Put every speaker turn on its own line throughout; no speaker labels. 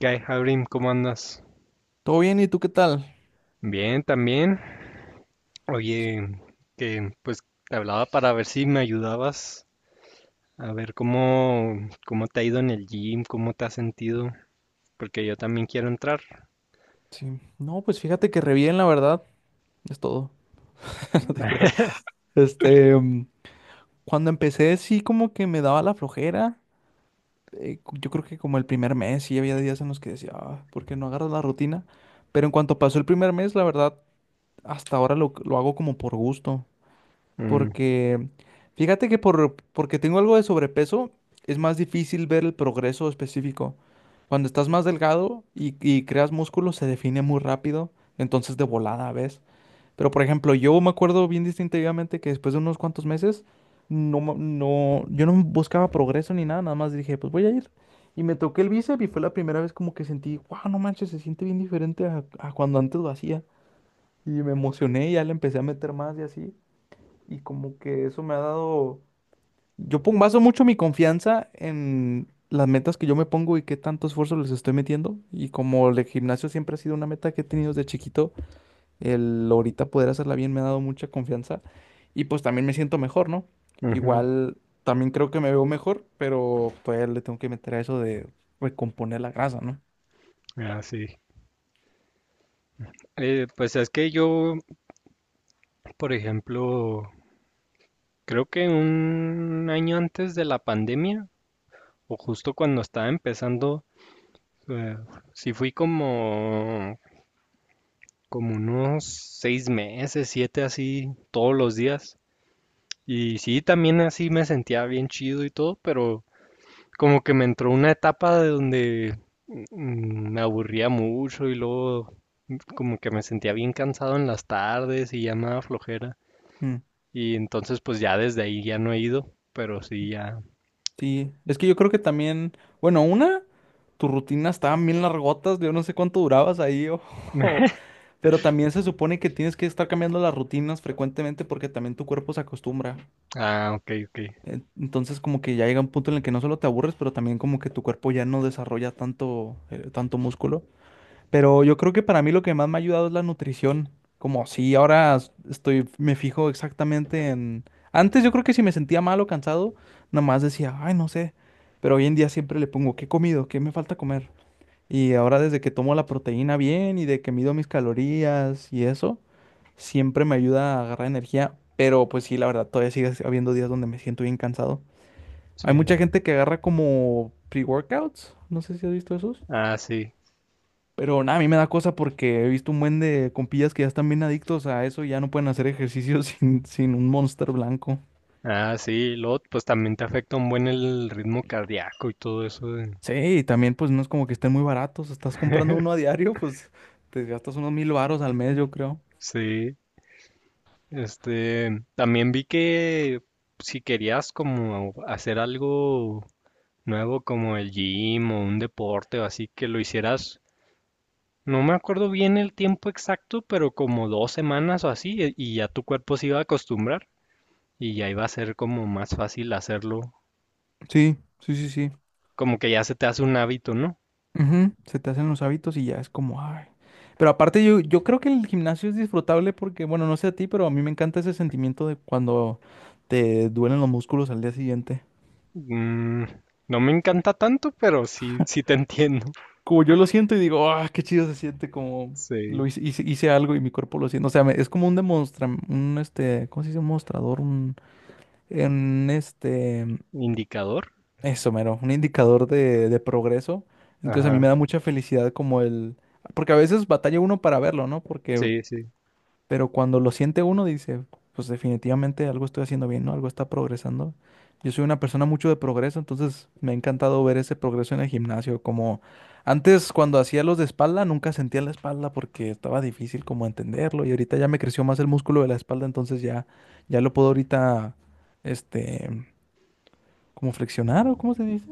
¿Qué hay, Abrim? ¿Cómo andas?
¿Todo bien? ¿Y tú qué tal?
Bien, también. Oye, que pues te hablaba para ver si me ayudabas a ver cómo te ha ido en el gym, cómo te has sentido, porque yo también quiero entrar.
Sí. No, pues fíjate que re bien, la verdad. Es todo. No te creas. Este, mm, cuando empecé, sí, como que me daba la flojera. Yo creo que como el primer mes, sí había días en los que decía, ah, ¿por qué no agarras la rutina? Pero en cuanto pasó el primer mes, la verdad, hasta ahora lo hago como por gusto.
Mm,
Porque fíjate que porque tengo algo de sobrepeso, es más difícil ver el progreso específico. Cuando estás más delgado y creas músculo, se define muy rápido, entonces de volada, ¿ves? Pero por ejemplo, yo me acuerdo bien distintivamente que después de unos cuantos meses, no, no, yo no buscaba progreso ni nada, nada más dije, pues voy a ir. Y me toqué el bíceps y fue la primera vez como que sentí, wow, no manches, se siente bien diferente a cuando antes lo hacía. Y me emocioné y ya le empecé a meter más y así. Y como que eso me ha dado, yo pongo, baso mucho mi confianza en las metas que yo me pongo y qué tanto esfuerzo les estoy metiendo. Y como el gimnasio siempre ha sido una meta que he tenido desde chiquito, el ahorita poder hacerla bien me ha dado mucha confianza. Y pues también me siento mejor, ¿no?
ujú.
Igual también creo que me veo mejor, pero todavía le tengo que meter a eso de recomponer la grasa, ¿no?
Ah, sí. Pues es que yo, por ejemplo, creo que un año antes de la pandemia, o justo cuando estaba empezando, eh, sí fui como unos 6 meses, 7 así, todos los días. Y sí, también así me sentía bien chido y todo, pero como que me entró una etapa de donde me aburría mucho y luego como que me sentía bien cansado en las tardes y ya me daba flojera.
Mm.
Y entonces pues ya desde ahí ya no he ido, pero sí ya.
Sí, es que yo creo que también, bueno, una, tu rutina estaban bien largotas, yo no sé cuánto durabas ahí, o, o- pero también se supone que tienes que estar cambiando las rutinas frecuentemente porque también tu cuerpo se acostumbra.
Ah, ok, ok.
Entonces como que ya llega un punto en el que no solo te aburres, pero también como que tu cuerpo ya no desarrolla tanto, tanto músculo. Pero yo creo que para mí lo que más me ha ayudado es la nutrición. Como sí ahora estoy, me fijo exactamente en... Antes yo creo que si me sentía mal o cansado, nada más decía, ay, no sé. Pero hoy en día siempre le pongo, ¿qué he comido? ¿Qué me falta comer? Y ahora desde que tomo la proteína bien y de que mido mis calorías y eso, siempre me ayuda a agarrar energía. Pero pues sí, la verdad, todavía sigue habiendo días donde me siento bien cansado. Hay mucha
Sí.
gente que agarra como pre-workouts. No sé si has visto esos.
Ah, sí.
Pero nada, a mí me da cosa porque he visto un buen de compillas que ya están bien adictos a eso y ya no pueden hacer ejercicio sin un Monster blanco.
Ah, sí. Luego pues también te afecta un buen el ritmo cardíaco y todo eso de-
Sí, y también pues no es como que estén muy baratos. Estás comprando uno a diario, pues te gastas unos mil varos al mes, yo creo.
Sí. Este, también vi que si querías como hacer algo nuevo como el gym o un deporte o así, que lo hicieras, no me acuerdo bien el tiempo exacto, pero como 2 semanas o así, y ya tu cuerpo se iba a acostumbrar y ya iba a ser como más fácil hacerlo,
Sí, sí, sí, sí.
como que ya se te hace un hábito, ¿no?
Ujú. Se te hacen los hábitos y ya es como, ay. Pero aparte yo creo que el gimnasio es disfrutable porque, bueno, no sé a ti, pero a mí me encanta ese sentimiento de cuando te duelen los músculos al día siguiente.
Mm, no me encanta tanto, pero sí, sí te entiendo.
Como yo lo siento y digo, ah, qué chido se siente como
Sí.
lo hice algo y mi cuerpo lo siente. O sea, es como un ¿cómo se dice? Un mostrador, un, en este,
Indicador.
eso, mero, un indicador de progreso. Entonces a mí
Ajá.
me da mucha felicidad como el, porque a veces batalla uno para verlo, ¿no? Porque
Sí, sí.
Pero cuando lo siente uno, dice, pues definitivamente algo estoy haciendo bien, ¿no? Algo está progresando. Yo soy una persona mucho de progreso, entonces me ha encantado ver ese progreso en el gimnasio. Como antes cuando hacía los de espalda, nunca sentía la espalda porque estaba difícil como entenderlo. Y ahorita ya me creció más el músculo de la espalda, entonces ya, ya lo puedo ahorita, este, como flexionar o cómo se dice,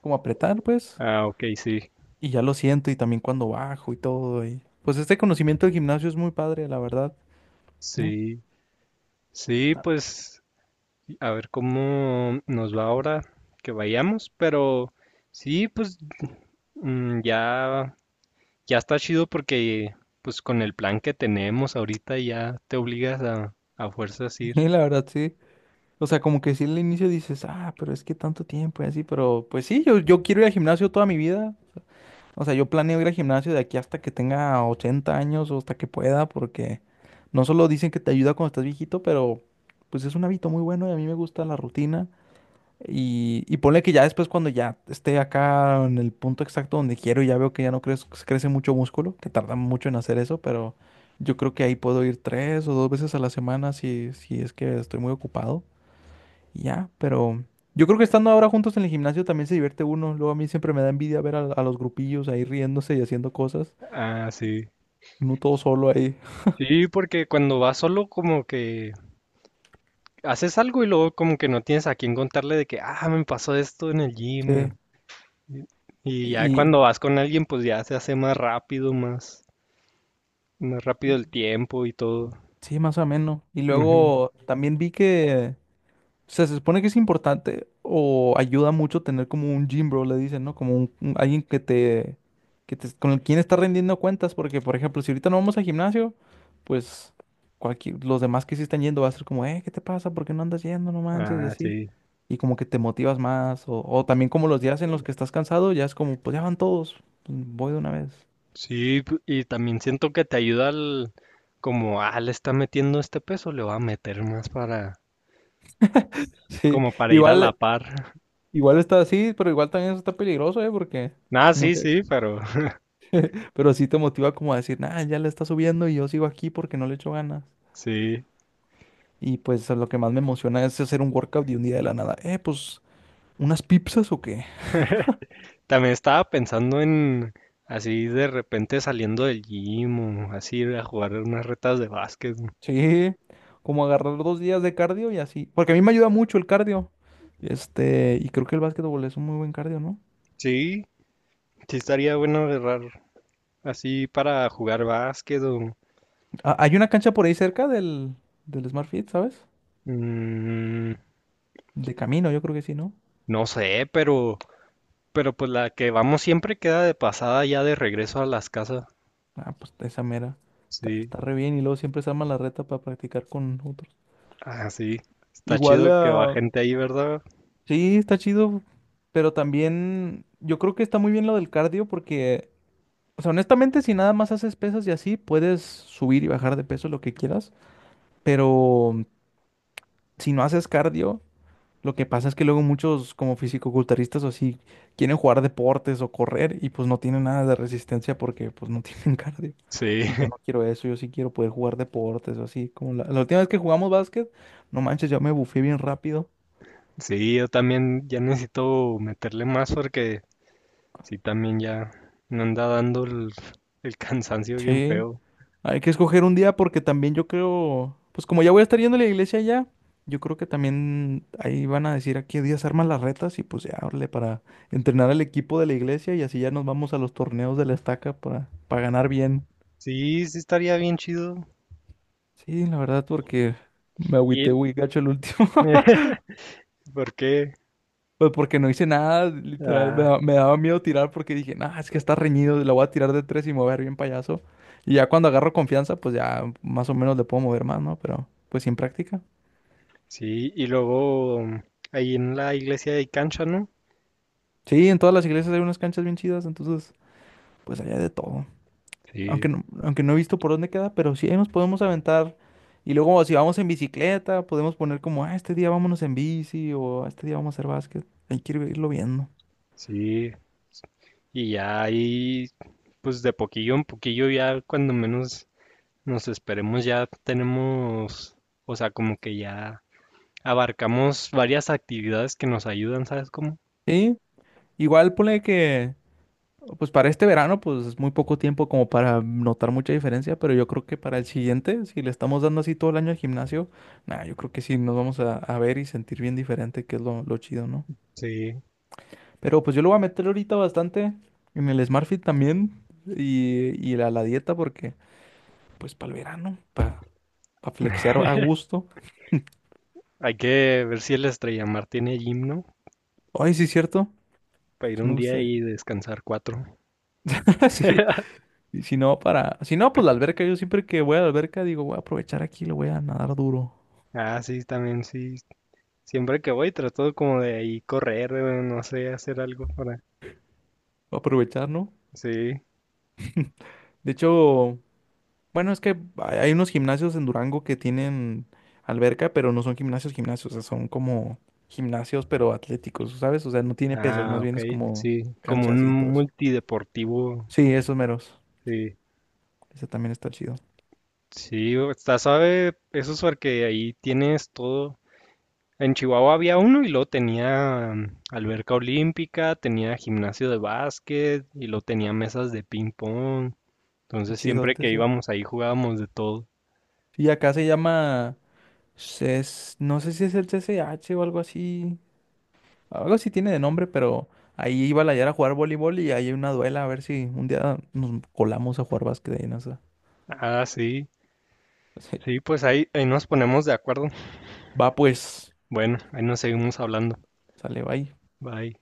como apretar, pues.
Ah, ok, sí.
Y ya lo siento y también cuando bajo y todo. Y pues este conocimiento del gimnasio es muy padre, la verdad, ¿no?
Sí. Sí, pues a ver cómo nos va ahora que vayamos, pero sí, pues mm, ya, ya está chido porque pues con el plan que tenemos ahorita ya te obligas a fuerzas ir.
Y la verdad, sí. O sea, como que sí al inicio dices, ah, pero es que tanto tiempo y así, pero pues sí, yo quiero ir al gimnasio toda mi vida. O sea, yo planeo ir al gimnasio de aquí hasta que tenga 80 años o hasta que pueda, porque no solo dicen que te ayuda cuando estás viejito, pero pues es un hábito muy bueno y a mí me gusta la rutina. Y ponle que ya después cuando ya esté acá en el punto exacto donde quiero, ya veo que ya no crece mucho músculo, que tarda mucho en hacer eso, pero yo creo que ahí puedo ir tres o dos veces a la semana si es que estoy muy ocupado. Y ya, pero yo creo que estando ahora juntos en el gimnasio también se divierte uno. Luego a mí siempre me da envidia ver a los grupillos ahí riéndose y haciendo cosas,
Ah, sí.
no todo solo ahí.
Sí, porque cuando vas solo como que haces algo y luego como que no tienes a quién contarle de que, ah, me pasó esto en el
Sí.
gym. Y y ya
Y
cuando vas con alguien pues ya se hace más rápido, más
y-
rápido el tiempo y todo.
sí, más o menos. Y luego también vi que... O sea, se supone que es importante o ayuda mucho tener como un gym bro, le dicen, ¿no? Como alguien que te, con quien está rendiendo cuentas, porque por ejemplo, si ahorita no vamos al gimnasio, pues cualquier, los demás que sí están yendo va a ser como, ¿qué te pasa? ¿Por qué no andas yendo? No manches, y
Ah,
así.
sí.
Y como que te motivas más, o también como los días en los que estás cansado, ya es como, pues ya van todos, pues, voy de una vez.
Sí, y también siento que te ayuda al, como, ah, le está metiendo este peso, le va a meter más para,
Sí,
como para ir a la
igual,
par.
igual está así, pero igual también eso está peligroso, ¿eh? Porque
Ah, sí,
mucha,
sí, pero
pero sí te motiva como a decir, nah, ya le está subiendo y yo sigo aquí porque no le echo ganas.
sí.
Y pues lo que más me emociona es hacer un workout de un día de la nada. Pues, ¿unas pizzas o qué?
También estaba pensando en, así de repente saliendo del gym o así ir a jugar unas retas de básquet.
Sí, como agarrar dos días de cardio y así. Porque a mí me ayuda mucho el cardio. Este, y creo que el básquetbol es un muy buen cardio, ¿no?
Sí, sí estaría bueno agarrar así para jugar básquet o,
Ah, hay una cancha por ahí cerca del Smart Fit, ¿sabes?
mm,
De camino, yo creo que sí, ¿no?
no sé, pero... Pero pues la que vamos siempre queda de pasada ya de regreso a las casas.
Ah, pues esa mera.
Sí,
Está re bien y luego siempre se arma la reta para practicar con otros.
ah, sí. Está
Igual,
chido que va
ah,
gente ahí, ¿verdad?
sí, está chido, pero también yo creo que está muy bien lo del cardio porque, o sea, honestamente, si nada más haces pesas y así, puedes subir y bajar de peso lo que quieras, pero mm, si no haces cardio, lo que pasa es que luego muchos como fisicoculturistas o así quieren jugar deportes o correr y pues no tienen nada de resistencia porque pues no tienen cardio.
Sí,
Y yo no quiero eso, yo sí quiero poder jugar deportes o así, como la última vez que jugamos básquet, no manches, yo me bufé bien rápido.
sí, yo también ya necesito meterle más porque sí, también ya me anda dando el cansancio bien
Sí.
feo.
Hay que escoger un día porque también yo creo, pues como ya voy a estar yendo a la iglesia ya, yo creo que también ahí van a decir a qué días arman las retas y pues ya, órale, para entrenar al equipo de la iglesia y así ya nos vamos a los torneos de la estaca para ganar bien.
Sí, sí estaría bien chido.
Sí, la verdad, porque me agüité
Y
muy gacho el último,
¿por qué?
pues porque no hice nada, literal,
Ah,
me daba miedo tirar porque dije, nah, es que está reñido, la voy a tirar de tres y me voy a ver bien payaso. Y ya cuando agarro confianza, pues ya más o menos le puedo mover más, ¿no? Pero pues sin práctica.
sí, y luego ahí en la iglesia hay cancha, ¿no?
Sí, en todas las iglesias hay unas canchas bien chidas, entonces pues allá de todo.
Sí,
Aunque no he visto por dónde queda, pero sí ahí nos podemos aventar. Y luego si vamos en bicicleta, podemos poner como, ah, este día vámonos en bici o "Ah, este día vamos a hacer básquet". Hay que irlo viendo.
sí. Y ya ahí pues de poquillo en poquillo ya cuando menos nos esperemos ya tenemos, o sea, como que ya abarcamos varias actividades que nos ayudan, ¿sabes cómo?
Sí, igual ponle que, pues para este verano, pues es muy poco tiempo como para notar mucha diferencia, pero yo creo que para el siguiente, si le estamos dando así todo el año al gimnasio, nada, yo creo que sí nos vamos a ver y sentir bien diferente, que es lo chido, ¿no?
Sí,
Pero pues yo lo voy a meter ahorita bastante en el Smart Fit también y a la dieta porque pues para el verano, para flexear a gusto.
hay que ver si el Estrella Mar tiene gimno
Ay, sí, cierto.
para ir
Sí me
un día
gustaría.
y descansar 4.
Sí. Y si no, para... Si no, pues la alberca. Yo siempre que voy a la alberca digo, voy a aprovechar aquí, lo voy a nadar duro.
Ah, sí, también sí. Siempre que voy trato como de ahí correr, no sé, hacer algo para...
Voy a aprovechar, ¿no?
Sí.
De hecho... Bueno, es que hay unos gimnasios en Durango que tienen alberca, pero no son gimnasios, gimnasios, o sea, son como gimnasios, pero atléticos, ¿sabes? O sea, no tiene pesas,
Ah,
más bien
ok,
es como
sí. Como un
canchas y todo eso.
multideportivo,
Sí, esos meros.
sí.
Ese también está chido.
Sí, está suave eso es porque ahí tienes todo. En Chihuahua había uno y luego tenía alberca olímpica, tenía gimnasio de básquet y luego tenía mesas de ping pong. Entonces siempre
Chidote
que
eso.
íbamos ahí jugábamos de todo.
Sí, acá se llama CES, no sé si es el CCH o algo así. Algo así tiene de nombre, pero ahí iba la Yara a jugar voleibol y ahí hay una duela, a ver si un día nos colamos a jugar básquet ahí en esa.
Ah, sí.
Sí.
Sí, pues ahí nos ponemos de acuerdo.
Va pues,
Bueno, ahí nos seguimos hablando.
sale, bye.
Bye.